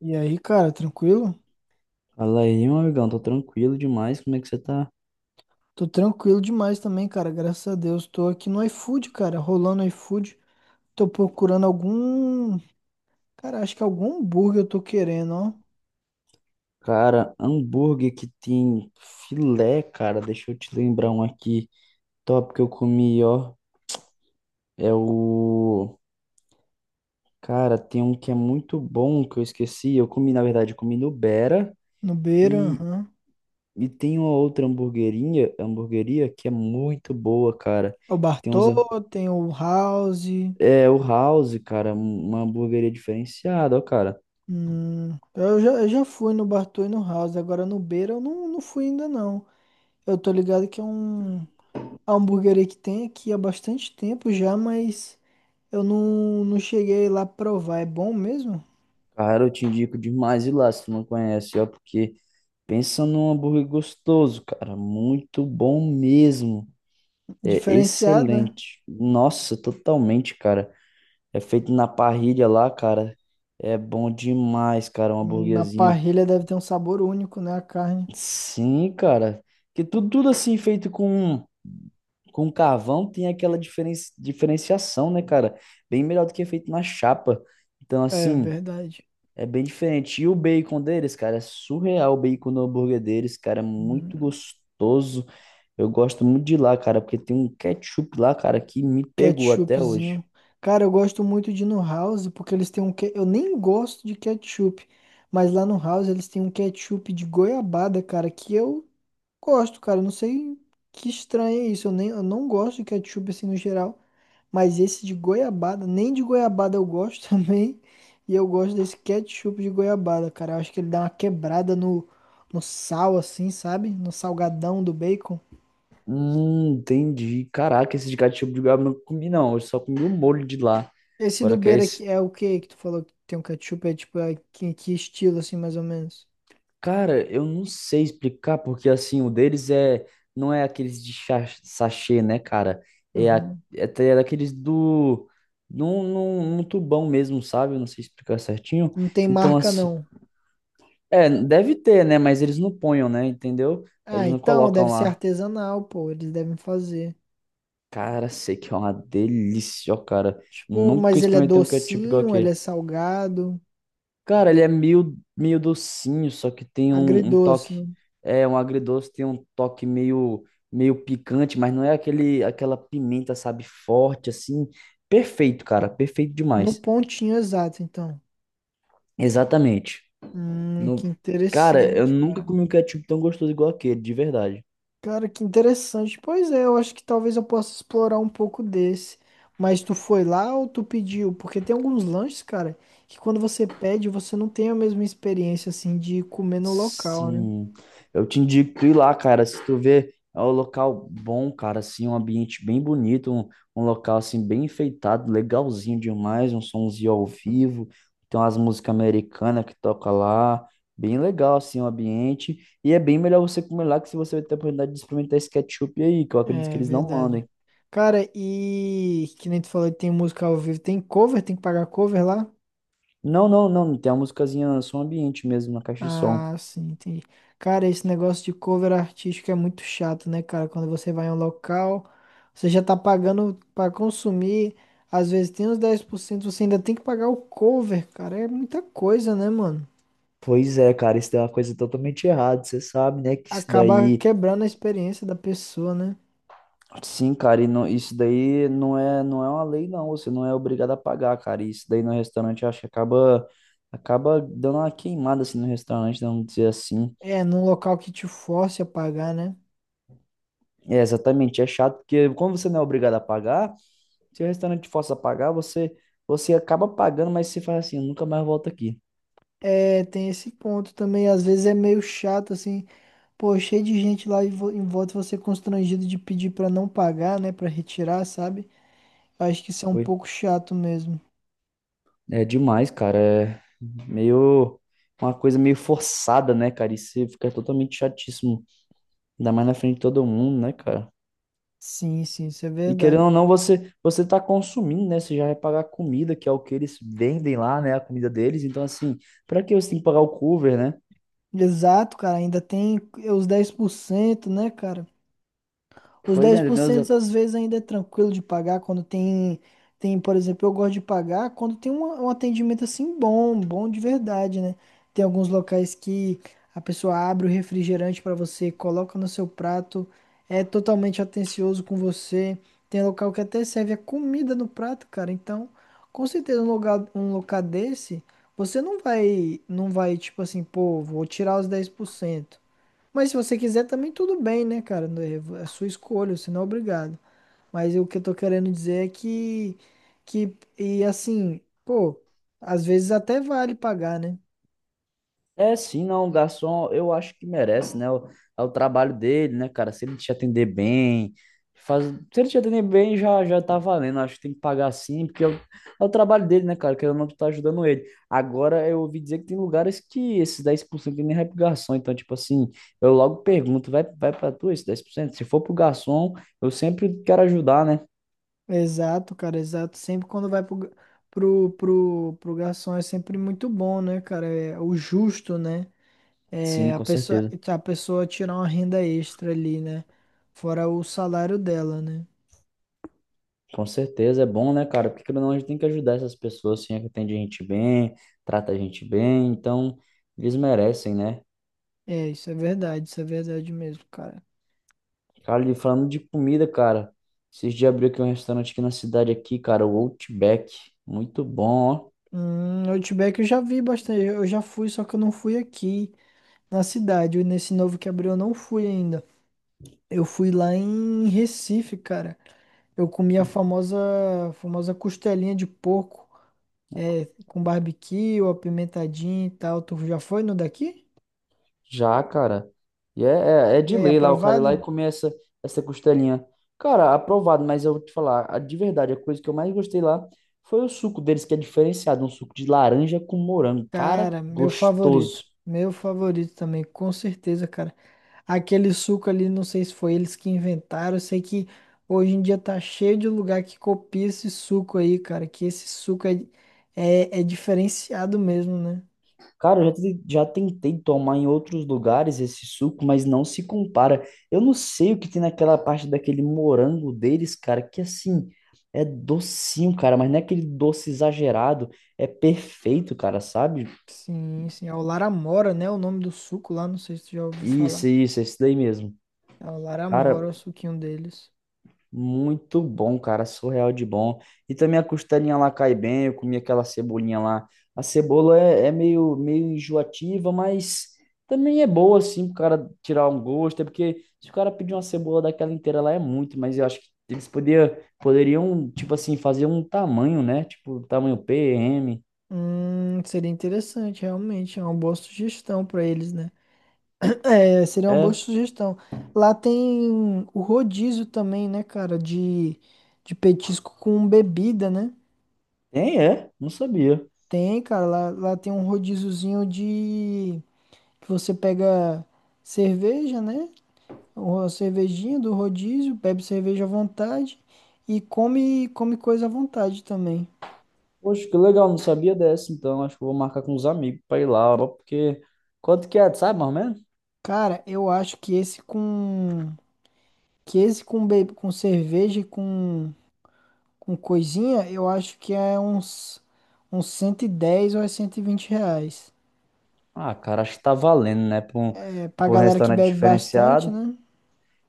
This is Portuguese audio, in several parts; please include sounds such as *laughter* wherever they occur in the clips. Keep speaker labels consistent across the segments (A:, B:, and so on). A: E aí, cara, tranquilo?
B: Fala aí, meu amigão, tô tranquilo demais, como é que você tá?
A: Tô tranquilo demais também, cara, graças a Deus. Tô aqui no iFood, cara, rolando iFood. Tô procurando algum. Cara, acho que algum hambúrguer eu tô querendo, ó.
B: Cara, hambúrguer que tem filé, cara, deixa eu te lembrar um aqui top que eu comi, ó, é o... Cara, tem um que é muito bom que eu esqueci, eu comi, na verdade, eu comi no Bera
A: No Beira,
B: e,
A: aham.
B: e tem uma outra hamburguerinha, hamburgueria que é muito boa, cara,
A: É o
B: tem uns...
A: Bartô, tem o House.
B: É, o House, cara, uma hamburgueria diferenciada, ó, cara.
A: Eu já fui no Bartô e no House, agora no Beira eu não fui ainda não. Eu tô ligado que é um a hamburgueria que tem aqui há bastante tempo já, mas eu não cheguei lá provar. É bom mesmo?
B: Cara, eu te indico demais ir lá se tu não conhece, ó, porque... Pensa num hambúrguer gostoso, cara. Muito bom mesmo. É
A: Diferenciada?
B: excelente. Nossa, totalmente, cara. É feito na parrilha lá, cara. É bom demais, cara, um
A: Na
B: hambúrguerzinho.
A: parrilha deve ter um sabor único, né? A carne.
B: Sim, cara. Que tudo, tudo assim feito com carvão tem aquela diferenciação, né, cara? Bem melhor do que é feito na chapa. Então,
A: É
B: assim.
A: verdade.
B: É bem diferente. E o bacon deles, cara, é surreal o bacon no hambúrguer deles, cara, é muito
A: Hum,
B: gostoso. Eu gosto muito de lá, cara, porque tem um ketchup lá, cara, que me pegou até hoje.
A: ketchupzinho. Cara, eu gosto muito de ir no House, porque eles eu nem gosto de ketchup, mas lá no House eles têm um ketchup de goiabada, cara, que eu gosto, cara. Não sei que estranho é isso. Eu não gosto de ketchup assim no geral. Mas esse de goiabada, nem de goiabada eu gosto *laughs* também. E eu gosto desse ketchup de goiabada, cara. Eu acho que ele dá uma quebrada no sal, assim, sabe? No salgadão do bacon.
B: Entendi. Caraca, esse de ketchup de goiaba eu não comi, não. Eu só comi o molho de lá.
A: Esse do
B: Agora que é
A: Beira aqui é o que que tu falou que tem um ketchup? É tipo, que estilo, assim, mais ou menos?
B: cara, eu não sei explicar, porque assim, o deles é, não é aqueles de sachê, né, cara? É, a,
A: Uhum.
B: é, é daqueles do, num tubão mesmo, sabe? Eu não sei explicar certinho.
A: Não tem
B: Então,
A: marca,
B: assim,
A: não.
B: é, deve ter, né? Mas eles não ponham, né? Entendeu?
A: Ah,
B: Eles não
A: então deve
B: colocam
A: ser
B: lá.
A: artesanal, pô. Eles devem fazer.
B: Cara, sei que é uma delícia, ó, cara.
A: Tipo,
B: Nunca
A: mas ele é
B: experimentei um ketchup igual
A: docinho, ele é
B: aquele.
A: salgado,
B: Cara, ele é meio, meio docinho, só que tem um, um toque,
A: agridoce, né?
B: é um agridoce, tem um toque meio, meio picante, mas não é aquele, aquela pimenta, sabe, forte assim. Perfeito, cara, perfeito
A: No
B: demais.
A: pontinho exato, então.
B: Exatamente. No,
A: Que
B: cara, eu
A: interessante,
B: nunca
A: cara.
B: comi um ketchup tão gostoso igual aquele, de verdade.
A: Cara, que interessante. Pois é, eu acho que talvez eu possa explorar um pouco desse. Mas tu foi lá ou tu pediu? Porque tem alguns lanches, cara, que quando você pede, você não tem a mesma experiência, assim, de comer no local, né?
B: Sim, eu te indico ir lá, cara. Se tu vê, é um local bom, cara, assim, um ambiente bem bonito, um local assim bem enfeitado, legalzinho demais, um somzinho ao vivo, tem umas músicas americanas que toca lá, bem legal assim o ambiente, e é bem melhor você comer lá que se você vai ter a oportunidade de experimentar esse ketchup aí, que eu acredito que
A: É
B: eles não
A: verdade.
B: mandem.
A: Cara, e que nem tu falou que tem música ao vivo, tem cover, tem que pagar cover lá?
B: Não, não, não, tem uma musicazinha som ambiente mesmo na caixa de som.
A: Ah, sim, entendi. Cara, esse negócio de cover artístico é muito chato, né, cara? Quando você vai em um local, você já tá pagando pra consumir, às vezes tem uns 10%. Você ainda tem que pagar o cover, cara. É muita coisa, né, mano?
B: Pois é, cara, isso daí é uma coisa totalmente errada. Você sabe, né, que isso
A: Acaba
B: daí...
A: quebrando a experiência da pessoa, né?
B: Sim, cara, isso daí não é, não é uma lei, não. Você não é obrigado a pagar, cara. E isso daí no restaurante, eu acho que acaba, acaba dando uma queimada assim no restaurante, vamos dizer assim.
A: É, num local que te force a pagar, né?
B: É, exatamente, é chato, porque como você não é obrigado a pagar, se o restaurante te força a pagar, você, você acaba pagando, mas você fala assim, eu nunca mais volto aqui.
A: É, tem esse ponto também. Às vezes é meio chato, assim, pô, cheio de gente lá e em volta você constrangido de pedir pra não pagar, né? Pra retirar, sabe? Acho que isso é um
B: Foi.
A: pouco chato mesmo.
B: É demais, cara. É meio uma coisa meio forçada, né, cara? Isso fica totalmente chatíssimo. Ainda mais na frente de todo mundo, né, cara?
A: Sim, sim, isso é
B: E querendo
A: verdade.
B: ou não, você está consumindo, né? Você já vai pagar a comida, que é o que eles vendem lá, né? A comida deles. Então, assim, para que você tem que pagar o cover, né?
A: Exato, cara, ainda tem é, os 10%, né, cara? Os
B: Pois é,
A: dez por
B: entendeu?
A: cento às vezes ainda é tranquilo de pagar quando tem, por exemplo, eu gosto de pagar quando tem um atendimento assim bom, bom de verdade, né? Tem alguns locais que a pessoa abre o refrigerante para você, coloca no seu prato, é totalmente atencioso com você. Tem local que até serve a comida no prato, cara. Então, com certeza um lugar, um local desse, você não vai tipo assim, pô, vou tirar os 10%, mas se você quiser também tudo bem, né, cara? Não, é é sua escolha, você não é obrigado. Mas o que eu tô querendo dizer é que e assim, pô, às vezes até vale pagar, né?
B: É, sim, não, o garçom, eu acho que merece, né? O- É o trabalho dele, né, cara? Se ele te atender bem, faz... se ele te atender bem, já tá valendo. Acho que tem que pagar sim, porque é o, é o trabalho dele, né, cara? Que eu não tu tá ajudando ele. Agora, eu ouvi dizer que tem lugares que esses 10% nem vai pro garçom. Então, tipo assim, eu logo pergunto, vai, vai pra tu esse 10%. Se for pro garçom, eu sempre quero ajudar, né?
A: Exato, cara, exato. Sempre quando vai pro, ga- pro, pro, pro garçom é sempre muito bom, né, cara? É o justo, né?
B: Sim,
A: É
B: com certeza.
A: a pessoa tirar uma renda extra ali, né? Fora o salário dela, né?
B: Com certeza, é bom, né, cara? Porque querendo ou não, a gente tem que ajudar essas pessoas, assim, é que atende a gente bem, trata a gente bem, então eles merecem, né?
A: É, isso é verdade mesmo, cara.
B: Cara, e falando de comida, cara, esses dias abriu aqui um restaurante aqui na cidade aqui, cara, o Outback, muito bom, ó,
A: Outback eu já vi bastante. Eu já fui, só que eu não fui aqui na cidade. E nesse novo que abriu eu não fui ainda. Eu fui lá em Recife, cara. Eu comi famosa costelinha de porco, é, com barbecue, apimentadinho e tal. Tu já foi no daqui?
B: já, cara. E é, é, é
A: E
B: de
A: aí,
B: lei lá, o cara ir lá e
A: aprovado?
B: comer essa, essa costelinha. Cara, aprovado, mas eu vou te falar, a- de verdade, a coisa que eu mais gostei lá foi o suco deles, que é diferenciado, um suco de laranja com morango, cara,
A: Cara, meu favorito.
B: gostoso.
A: Meu favorito também, com certeza, cara. Aquele suco ali, não sei se foi eles que inventaram. Eu sei que hoje em dia tá cheio de lugar que copia esse suco aí, cara. Que esse suco é diferenciado mesmo, né?
B: Cara, eu já, já tentei tomar em outros lugares esse suco, mas não se compara. Eu não sei o que tem naquela parte daquele morango deles, cara, que assim, é docinho, cara, mas não é aquele doce exagerado, é perfeito, cara, sabe?
A: Sim, sim. É o Laramora, né? O nome do suco lá, não sei se tu já ouviu falar.
B: Isso, esse daí mesmo.
A: É o
B: Cara,
A: Laramora, o suquinho deles.
B: muito bom, cara, surreal de bom. E também a costelinha lá cai bem, eu comi aquela cebolinha lá. A cebola é, é meio, meio enjoativa, mas também é boa, assim, pro cara tirar um gosto. É porque se o cara pedir uma cebola daquela inteira lá é muito, mas eu acho que eles poderiam, tipo assim, fazer um tamanho, né? Tipo, tamanho PM.
A: Seria interessante, realmente. É uma boa sugestão pra eles, né? É, seria uma boa
B: É,
A: sugestão. Lá tem o rodízio também, né, cara, de petisco com bebida, né?
B: tem, é, não sabia.
A: Tem, cara, lá tem um rodíziozinho de que você pega cerveja, né? Ou a cervejinha do rodízio, bebe cerveja à vontade e come coisa à vontade também.
B: Poxa, que legal, não sabia dessa, então. Acho que eu vou marcar com os amigos pra ir lá, ó, porque quanto que é, sabe, mais ou menos?
A: Cara, eu acho que esse com com cerveja e com coisinha, eu acho que é uns 110 ou é R$ 120.
B: Ah, cara, acho que tá valendo, né?
A: É, pra
B: Pra um
A: galera que
B: restaurante
A: bebe bastante,
B: diferenciado.
A: né?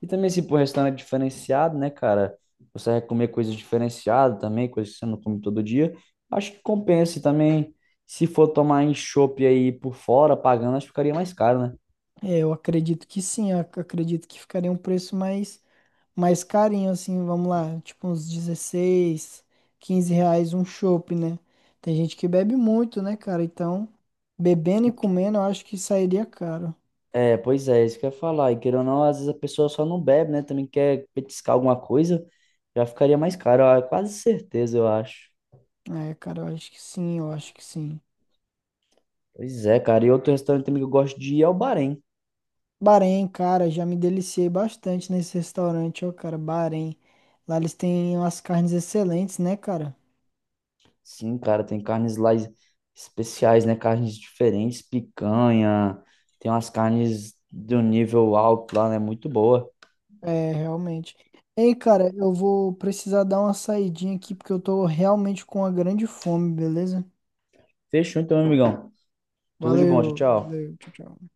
B: E também, se pra um restaurante diferenciado, né, cara? Você vai comer coisas diferenciadas também, coisas que você não come todo dia. Acho que compensa. E também, se for tomar em chopp aí por fora, pagando, acho que ficaria mais caro, né?
A: É, eu acredito que sim, acredito que ficaria um preço mais carinho, assim, vamos lá, tipo uns 16, R$ 15 um chopp, né? Tem gente que bebe muito, né, cara? Então, bebendo
B: E
A: e
B: que-
A: comendo, eu acho que sairia caro.
B: é, pois é, isso que eu ia falar. E querendo ou não, às vezes a pessoa só não bebe, né? Também quer petiscar alguma coisa, já ficaria mais caro. Ó, quase certeza, eu acho.
A: É, cara, eu acho que sim, eu acho que sim.
B: Pois é, cara. E outro restaurante também que eu gosto de ir é o Bahrein.
A: Bahrein, cara, já me deliciei bastante nesse restaurante, ó, cara, Bahrein. Lá eles têm umas carnes excelentes, né, cara?
B: Sim, cara, tem carnes lá especiais, né? Carnes diferentes, picanha, tem umas carnes de um nível alto lá, né? Muito boa.
A: É, realmente. Ei, cara, eu vou precisar dar uma saidinha aqui porque eu tô realmente com uma grande fome, beleza?
B: Fechou então, meu amigão. Tudo de bom, tchau,
A: Valeu,
B: tchau.
A: valeu, tchau, tchau.